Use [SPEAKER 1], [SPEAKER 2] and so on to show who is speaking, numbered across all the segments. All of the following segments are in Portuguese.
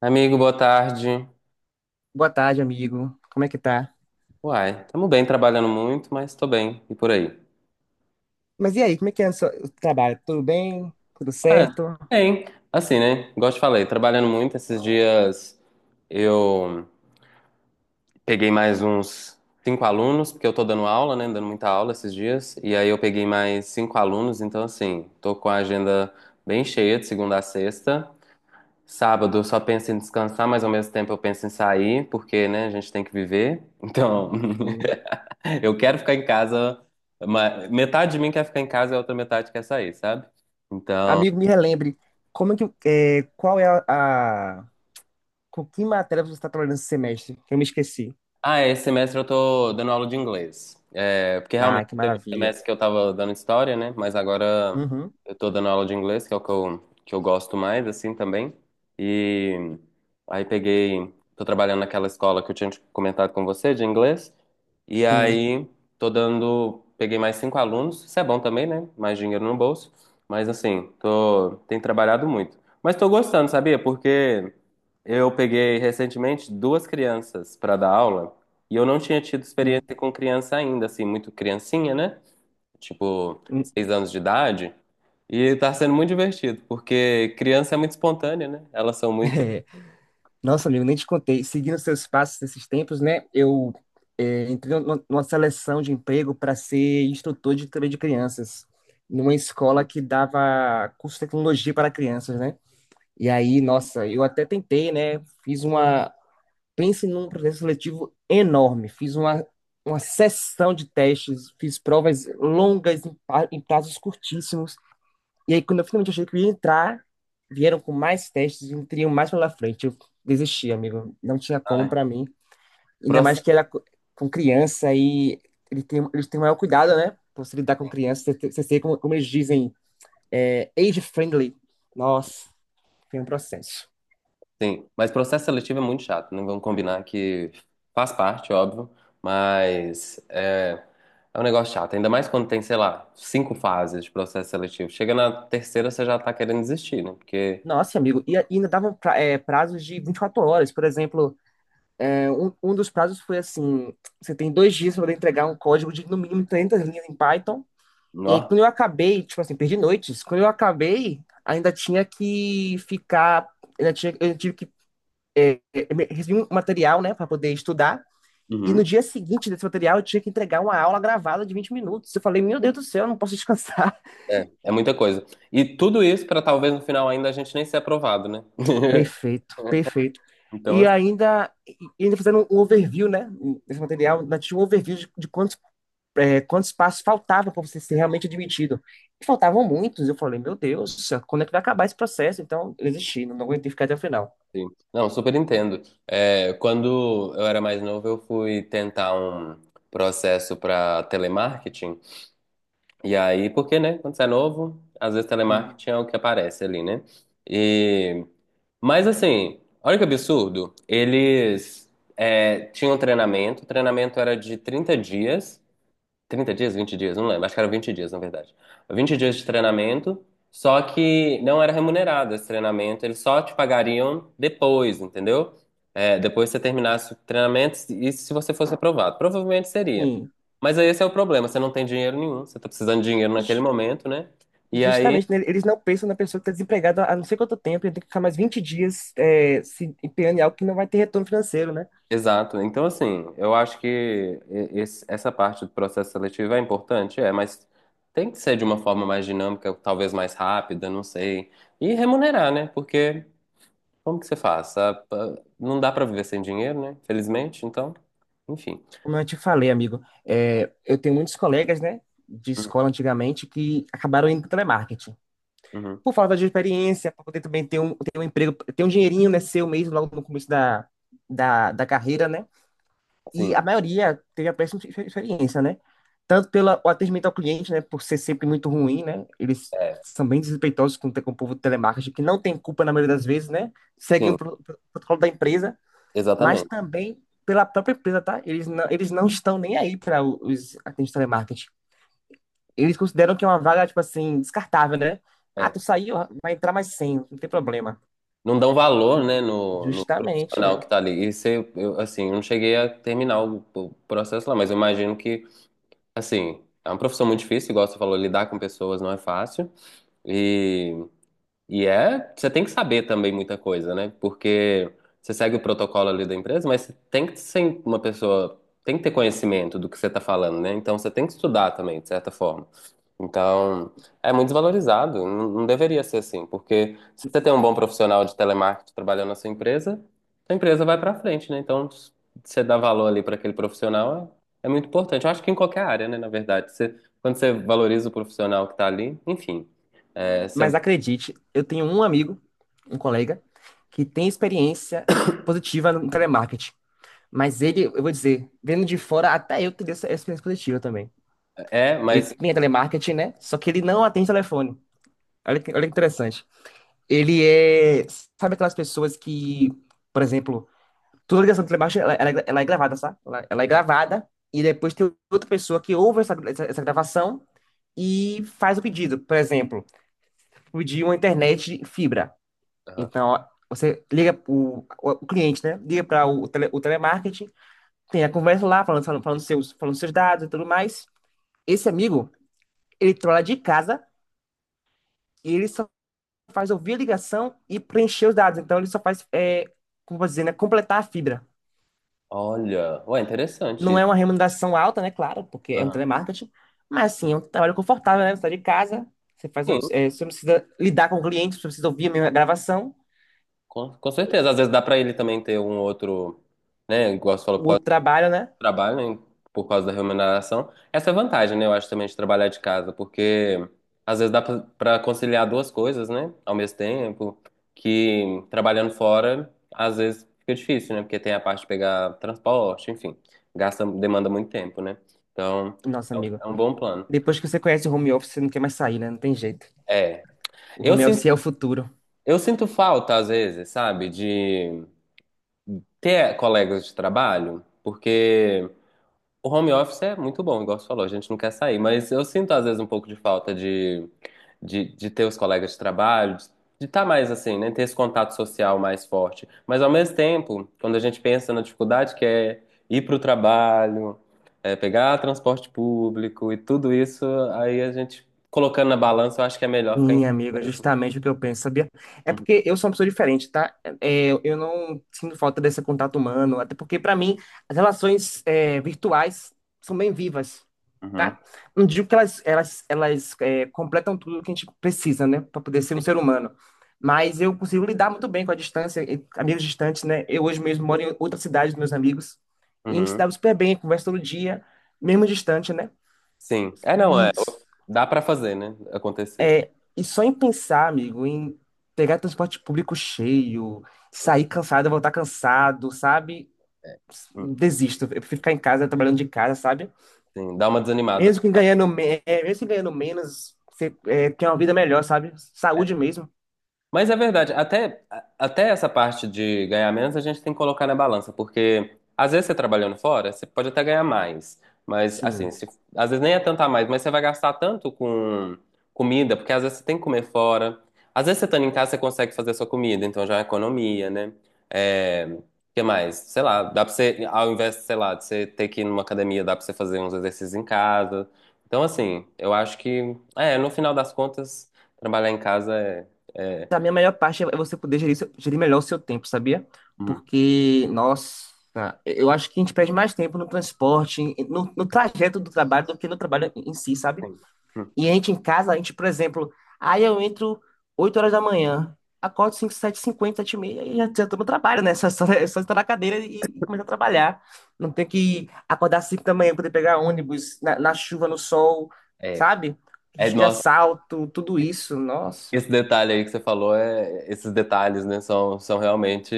[SPEAKER 1] Amigo, boa tarde.
[SPEAKER 2] Boa tarde, amigo. Como é que tá?
[SPEAKER 1] Uai, tamo bem, trabalhando muito, mas tô bem. E por aí?
[SPEAKER 2] Mas e aí, como é que é o trabalho? Tudo bem? Tudo
[SPEAKER 1] É,
[SPEAKER 2] certo?
[SPEAKER 1] bem. Assim, né? Igual te falei, trabalhando muito. Esses dias eu peguei mais uns cinco alunos, porque eu tô dando aula, né? Dando muita aula esses dias. E aí eu peguei mais cinco alunos, então assim, tô com a agenda bem cheia de segunda a sexta. Sábado eu só penso em descansar, mas ao mesmo tempo eu penso em sair, porque, né, a gente tem que viver. Então,
[SPEAKER 2] Hum.
[SPEAKER 1] eu quero ficar em casa, mas metade de mim quer ficar em casa e a outra metade quer sair, sabe? Então,
[SPEAKER 2] Amigo, me relembre, como é que, é, qual é com que matéria você está trabalhando esse semestre? Que eu me esqueci.
[SPEAKER 1] ah, esse semestre eu tô dando aula de inglês. É, porque realmente
[SPEAKER 2] Ah, que
[SPEAKER 1] teve um
[SPEAKER 2] maravilha.
[SPEAKER 1] semestre que eu tava dando história, né? Mas agora
[SPEAKER 2] Uhum.
[SPEAKER 1] eu tô dando aula de inglês, que é o que eu gosto mais, assim, também. E aí peguei, tô trabalhando naquela escola que eu tinha te comentado com você, de inglês. E
[SPEAKER 2] Sim,
[SPEAKER 1] aí tô dando, peguei mais cinco alunos. Isso é bom também, né? Mais dinheiro no bolso. Mas assim, tô, tenho trabalhado muito. Mas tô gostando, sabia? Porque eu peguei recentemente duas crianças para dar aula. E eu não tinha tido
[SPEAKER 2] sim.
[SPEAKER 1] experiência com criança ainda, assim, muito criancinha, né? Tipo,
[SPEAKER 2] Hum.
[SPEAKER 1] 6 anos de idade. E tá sendo muito divertido, porque criança é muito espontânea, né? Elas são muito.
[SPEAKER 2] É. Nossa, amigo, nem te contei. Seguindo seus passos nesses tempos, né? Eu entrei numa seleção de emprego para ser instrutor de também de crianças, numa escola que dava curso de tecnologia para crianças, né? E aí, nossa, eu até tentei, né? Fiz uma. Pense num processo seletivo enorme. Fiz uma sessão de testes, fiz provas longas em prazos curtíssimos. E aí, quando eu finalmente achei que eu ia entrar, vieram com mais testes e me teriam mais pela frente. Eu desisti, amigo. Não tinha como
[SPEAKER 1] Ai,
[SPEAKER 2] pra mim. Ainda mais
[SPEAKER 1] proce-
[SPEAKER 2] que com criança e eles têm o maior cuidado, né? Pra você lidar com criança, você sei como eles dizem, age friendly. Nossa, foi um processo.
[SPEAKER 1] sim, mas processo seletivo é muito chato, não vamos combinar que faz parte, óbvio, mas é um negócio chato, ainda mais quando tem, sei lá, cinco fases de processo seletivo. Chega na terceira, você já tá querendo desistir, né? Porque.
[SPEAKER 2] Nossa, amigo, e ainda davam prazos de 24 horas. Por exemplo, um dos prazos foi assim: você tem dois dias para entregar um código de no mínimo 300 linhas em Python. E aí,
[SPEAKER 1] Nó.
[SPEAKER 2] quando eu acabei, tipo assim, perdi noites. Quando eu acabei, ainda tinha que ficar. Ainda tinha, eu tive que recebi um material, né, para poder estudar. E no
[SPEAKER 1] Uhum.
[SPEAKER 2] dia seguinte desse material, eu tinha que entregar uma aula gravada de 20 minutos. Eu falei, meu Deus do céu, eu não posso descansar.
[SPEAKER 1] É, é muita coisa. E tudo isso para talvez no final ainda a gente nem ser aprovado, né?
[SPEAKER 2] Perfeito, perfeito.
[SPEAKER 1] Então,
[SPEAKER 2] E ainda, e ainda fazendo um overview, né? Nesse material, nós tínhamos um overview de quantos passos faltavam para você ser realmente admitido. E faltavam muitos. Eu falei, meu Deus, quando é que vai acabar esse processo? Então, eu desisti, não aguentei ficar até o final.
[SPEAKER 1] assim, não, super entendo. É, quando eu era mais novo, eu fui tentar um processo para telemarketing. E aí, porque, né? Quando você é novo, às vezes
[SPEAKER 2] Hum.
[SPEAKER 1] telemarketing é o que aparece ali, né? E mas assim, olha que absurdo. Eles tinham treinamento, o treinamento era de 30 dias, 20 dias, não lembro. Acho que eram 20 dias, na verdade. 20 dias de treinamento, só que não era remunerado esse treinamento, eles só te pagariam depois, entendeu? É, depois que você terminasse o treinamento e se você fosse aprovado. Provavelmente seria.
[SPEAKER 2] Hum.
[SPEAKER 1] Mas aí esse é o problema, você não tem dinheiro nenhum, você tá precisando de dinheiro naquele
[SPEAKER 2] Ju-
[SPEAKER 1] momento, né? E aí
[SPEAKER 2] Justamente, né, eles não pensam na pessoa que está desempregada há não sei quanto tempo, e tem que ficar mais 20 dias se empenhando em algo que não vai ter retorno financeiro, né?
[SPEAKER 1] exato. Então, assim, eu acho que essa parte do processo seletivo é importante, é, mas tem que ser de uma forma mais dinâmica, talvez mais rápida, não sei. E remunerar, né? Porque como que você faz? Não dá pra viver sem dinheiro, né? Felizmente, então, enfim.
[SPEAKER 2] Como eu te falei, amigo, eu tenho muitos colegas, né, de
[SPEAKER 1] Uhum.
[SPEAKER 2] escola antigamente que acabaram indo para telemarketing.
[SPEAKER 1] Uhum.
[SPEAKER 2] Por falta de experiência, para poder também ter um emprego, ter um dinheirinho, né, seu mesmo logo no começo da carreira, né? E
[SPEAKER 1] Sim,
[SPEAKER 2] a maioria teve a péssima experiência, né? Tanto pelo atendimento ao cliente, né, por ser sempre muito ruim, né? Eles
[SPEAKER 1] é,
[SPEAKER 2] são bem desrespeitosos com o povo do telemarketing, que não tem culpa na maioria das vezes, né? Seguem
[SPEAKER 1] sim,
[SPEAKER 2] o protocolo da empresa mas
[SPEAKER 1] exatamente.
[SPEAKER 2] também pela própria empresa, tá? Eles não estão nem aí para os atendentes de telemarketing. Eles consideram que é uma vaga, tipo assim, descartável, né? Ah,
[SPEAKER 1] É.
[SPEAKER 2] tu saiu, vai entrar mais 100, não tem problema.
[SPEAKER 1] Não dão valor, né, no
[SPEAKER 2] Justamente,
[SPEAKER 1] profissional
[SPEAKER 2] é.
[SPEAKER 1] que tá ali. E você, eu, assim, eu não cheguei a terminar o processo lá, mas eu imagino que assim, é uma profissão muito difícil, igual você falou, lidar com pessoas não é fácil. E e é, você tem que saber também muita coisa, né? Porque você segue o protocolo ali da empresa, mas você tem que ser uma pessoa, tem que ter conhecimento do que você está falando, né? Então você tem que estudar também, de certa forma. Então, é muito desvalorizado, não deveria ser assim, porque se você tem um bom profissional de telemarketing trabalhando na sua empresa, a empresa vai para frente, né? Então, se você dá valor ali para aquele profissional é, é muito importante. Eu acho que em qualquer área, né, na verdade, você, quando você valoriza o profissional que está ali, enfim, é, você
[SPEAKER 2] Mas acredite, eu tenho um amigo, um colega, que tem experiência positiva no telemarketing. Mas ele, eu vou dizer, vendo de fora, até eu teria essa experiência positiva também.
[SPEAKER 1] é,
[SPEAKER 2] Ele
[SPEAKER 1] mas.
[SPEAKER 2] tem telemarketing, né? Só que ele não atende telefone. Olha que interessante. Ele é. Sabe aquelas pessoas que, por exemplo, toda ligação de telemarketing ela é gravada, sabe? Ela é gravada e depois tem outra pessoa que ouve essa gravação e faz o pedido. Por exemplo, pedir uma internet de fibra.
[SPEAKER 1] Aham.
[SPEAKER 2] Então, ó, você liga o cliente, né? Liga para o telemarketing, tem a conversa lá, falando seus dados e tudo mais. Esse amigo, ele trola de casa e ele só faz ouvir a ligação e preencher os dados. Então ele só faz, como eu vou dizer, né, completar a fibra.
[SPEAKER 1] Olha, ué, interessante
[SPEAKER 2] Não
[SPEAKER 1] isso.
[SPEAKER 2] é uma remuneração alta, né? Claro, porque é um
[SPEAKER 1] Aham.
[SPEAKER 2] telemarketing, mas assim, é um trabalho confortável, né? Você está de casa, você faz,
[SPEAKER 1] Sim,
[SPEAKER 2] é, você não precisa lidar com o cliente, você precisa ouvir a minha gravação,
[SPEAKER 1] com certeza. Às vezes dá pra ele também ter um outro, né? Igual você falou,
[SPEAKER 2] o
[SPEAKER 1] por causa
[SPEAKER 2] outro
[SPEAKER 1] do
[SPEAKER 2] trabalho, né?
[SPEAKER 1] trabalho, né, por causa da remuneração. Essa é a vantagem, né? Eu acho também de trabalhar de casa, porque às vezes dá pra conciliar duas coisas, né? Ao mesmo tempo, que trabalhando fora, às vezes fica difícil, né? Porque tem a parte de pegar transporte, enfim, gasta, demanda muito tempo, né? Então,
[SPEAKER 2] Nossa,
[SPEAKER 1] é um
[SPEAKER 2] amigo,
[SPEAKER 1] bom plano.
[SPEAKER 2] depois que você conhece o home office, você não quer mais sair, né? Não tem jeito.
[SPEAKER 1] É.
[SPEAKER 2] O
[SPEAKER 1] Eu
[SPEAKER 2] home office
[SPEAKER 1] sinto
[SPEAKER 2] é o futuro.
[SPEAKER 1] Eu sinto falta, às vezes, sabe, de ter colegas de trabalho, porque o home office é muito bom, igual você falou, a gente não quer sair, mas eu sinto, às vezes, um pouco de falta de ter os colegas de trabalho, de estar mais assim, né, ter esse contato social mais forte. Mas, ao mesmo tempo, quando a gente pensa na dificuldade que é ir para o trabalho, é, pegar transporte público e tudo isso, aí a gente, colocando na balança, eu acho que é melhor ficar em
[SPEAKER 2] Sim, amigo, é
[SPEAKER 1] casa mesmo.
[SPEAKER 2] justamente o que eu penso, sabia? É
[SPEAKER 1] Uhum,
[SPEAKER 2] porque eu sou uma pessoa diferente, tá? É, eu não sinto falta desse contato humano, até porque, para mim, as relações virtuais são bem vivas, tá?
[SPEAKER 1] uhum,
[SPEAKER 2] Não digo que elas completam tudo que a gente precisa, né, para poder ser um ser humano. Mas eu consigo lidar muito bem com a distância, e amigos distantes, né? Eu hoje mesmo moro em outra cidade dos meus amigos, e a gente se
[SPEAKER 1] uhum.
[SPEAKER 2] dá super bem, conversa todo dia, mesmo distante, né?
[SPEAKER 1] Sim. É, não, é,
[SPEAKER 2] E
[SPEAKER 1] dá pra fazer, né? Acontecer.
[SPEAKER 2] é, e só em pensar, amigo, em pegar transporte público cheio, sair cansado, voltar cansado, sabe?
[SPEAKER 1] Hum,
[SPEAKER 2] Desisto. Eu prefiro ficar em casa, trabalhando de casa, sabe?
[SPEAKER 1] Sim, dá uma desanimada.
[SPEAKER 2] Mesmo que ganhando menos, você tem uma vida melhor, sabe? Saúde mesmo.
[SPEAKER 1] Mas é verdade, até, até essa parte de ganhar menos a gente tem que colocar na balança, porque às vezes você trabalhando fora, você pode até ganhar mais, mas assim,
[SPEAKER 2] Sim.
[SPEAKER 1] às vezes nem é tanto a mais, mas você vai gastar tanto com comida, porque às vezes você tem que comer fora, às vezes você estando em casa você consegue fazer a sua comida, então já é uma economia, né? É, o que mais? Sei lá, dá pra você, ao invés, sei lá, de você ter que ir numa academia, dá pra você fazer uns exercícios em casa. Então assim, eu acho que, é, no final das contas, trabalhar em casa é é
[SPEAKER 2] A minha melhor parte é você poder gerir melhor o seu tempo, sabia?
[SPEAKER 1] uhum,
[SPEAKER 2] Porque, nossa, eu acho que a gente perde mais tempo no transporte, no trajeto do trabalho, do que no trabalho em si, sabe?
[SPEAKER 1] sim. Uhum.
[SPEAKER 2] E a gente em casa, a gente, por exemplo, aí eu entro 8 horas da manhã, acordo 5 7 50 7 e meia, e já tô no trabalho, né? É só estar na cadeira e começar a trabalhar. Não tem que acordar 5 da manhã, poder pegar ônibus na chuva, no sol,
[SPEAKER 1] É,
[SPEAKER 2] sabe?
[SPEAKER 1] é,
[SPEAKER 2] Risco de
[SPEAKER 1] nossa,
[SPEAKER 2] assalto, tudo isso, nossa.
[SPEAKER 1] esse detalhe aí que você falou, é, esses detalhes, né, são, são realmente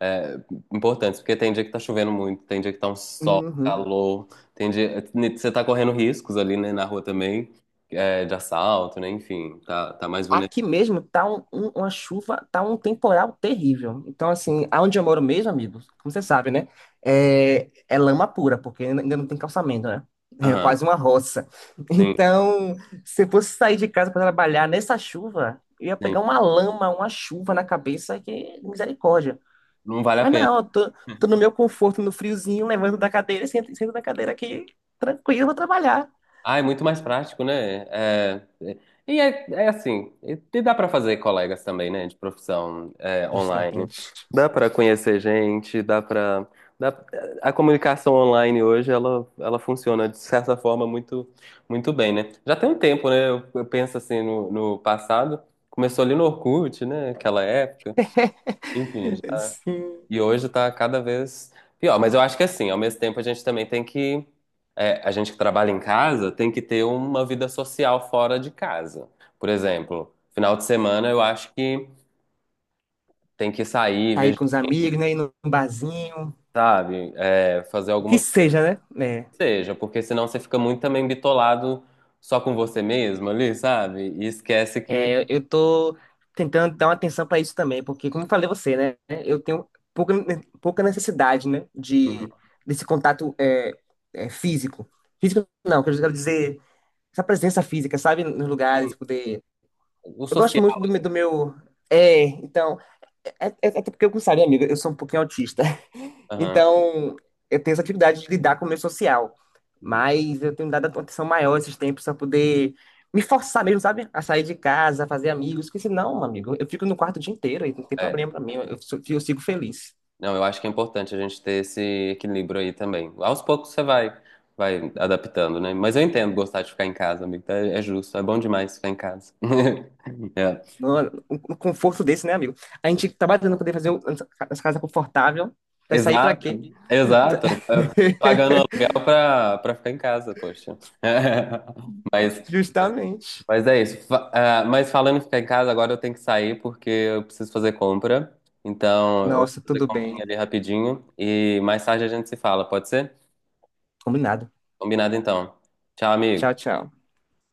[SPEAKER 1] é, importantes, porque tem dia que tá chovendo muito, tem dia que tá um sol, um
[SPEAKER 2] Uhum.
[SPEAKER 1] calor, tem dia, você tá correndo riscos ali, né, na rua também, é, de assalto, né, enfim, tá, tá mais vulnerável.
[SPEAKER 2] Aqui mesmo tá uma chuva, tá um temporal terrível. Então, assim, aonde eu moro mesmo, amigo, como você sabe, né? É lama pura, porque ainda não tem calçamento, né? É
[SPEAKER 1] Aham,
[SPEAKER 2] quase uma roça.
[SPEAKER 1] sim,
[SPEAKER 2] Então, se eu fosse sair de casa para trabalhar nessa chuva, eu ia pegar
[SPEAKER 1] sim.
[SPEAKER 2] uma lama, uma chuva na cabeça, que misericórdia.
[SPEAKER 1] Não vale a
[SPEAKER 2] Mas
[SPEAKER 1] pena.
[SPEAKER 2] não, eu tô no meu conforto, no friozinho, levando da cadeira, sento na cadeira aqui, tranquilo, vou trabalhar.
[SPEAKER 1] Ah, é muito mais prático, né? E é, é assim, e dá para fazer colegas também, né? De profissão é, online.
[SPEAKER 2] Justamente.
[SPEAKER 1] Dá para conhecer gente, dá para dá, a comunicação online hoje ela funciona de certa forma muito bem, né? Já tem um tempo, né? Eu penso assim no passado, começou ali no Orkut, né? Aquela época. Enfim,
[SPEAKER 2] Sim.
[SPEAKER 1] e hoje tá cada vez pior. Mas eu acho que assim, ao mesmo tempo a gente também tem que. É, a gente que trabalha em casa tem que ter uma vida social fora de casa. Por exemplo, final de semana eu acho que tem que sair,
[SPEAKER 2] Sair
[SPEAKER 1] ver,
[SPEAKER 2] com os amigos, né? Ir num barzinho,
[SPEAKER 1] sabe? É, fazer
[SPEAKER 2] o que
[SPEAKER 1] alguma coisa
[SPEAKER 2] seja, né?
[SPEAKER 1] que seja, porque senão você fica muito também bitolado só com você mesmo ali, sabe? E esquece que.
[SPEAKER 2] É, é, eu tô tentando dar uma atenção para isso também, porque, como eu falei a você, né? Eu tenho pouca, pouca necessidade, né? Desse contato físico. Físico não, que eu quero dizer, essa presença física, sabe? Nos
[SPEAKER 1] Uhum.
[SPEAKER 2] lugares, poder...
[SPEAKER 1] O
[SPEAKER 2] Eu gosto
[SPEAKER 1] social.
[SPEAKER 2] muito do meu... É, então, até porque eu gostaria, amigo, eu sou um pouquinho autista.
[SPEAKER 1] Aham.
[SPEAKER 2] Então, eu tenho essa dificuldade de lidar com o meio social.
[SPEAKER 1] Uhum.
[SPEAKER 2] Mas eu tenho dado atenção maior esses tempos para poder me forçar mesmo, sabe? A sair de casa, a fazer amigos. Porque senão, meu amigo, eu fico no quarto o dia inteiro e não tem
[SPEAKER 1] É.
[SPEAKER 2] problema para mim. Eu sigo feliz.
[SPEAKER 1] Não, eu acho que é importante a gente ter esse equilíbrio aí também. Aos poucos você vai, vai adaptando, né? Mas eu entendo gostar de ficar em casa, amigo. Tá? É justo, é bom demais ficar em casa. É.
[SPEAKER 2] No, um conforto desse, né, amigo? A gente tá batendo poder fazer essa casa confortável. Vai sair para
[SPEAKER 1] Exato,
[SPEAKER 2] quê?
[SPEAKER 1] exato. É, pagando aluguel pra ficar em casa, poxa. Mas,
[SPEAKER 2] Justamente.
[SPEAKER 1] mas é isso. Mas falando em ficar em casa, agora eu tenho que sair porque eu preciso fazer compra. Então, eu vou
[SPEAKER 2] Nossa,
[SPEAKER 1] fazer
[SPEAKER 2] tudo
[SPEAKER 1] comprinha
[SPEAKER 2] bem.
[SPEAKER 1] ali rapidinho e mais tarde a gente se fala, pode ser?
[SPEAKER 2] Combinado.
[SPEAKER 1] Combinado então. Tchau,
[SPEAKER 2] Tchau,
[SPEAKER 1] amigo.
[SPEAKER 2] tchau.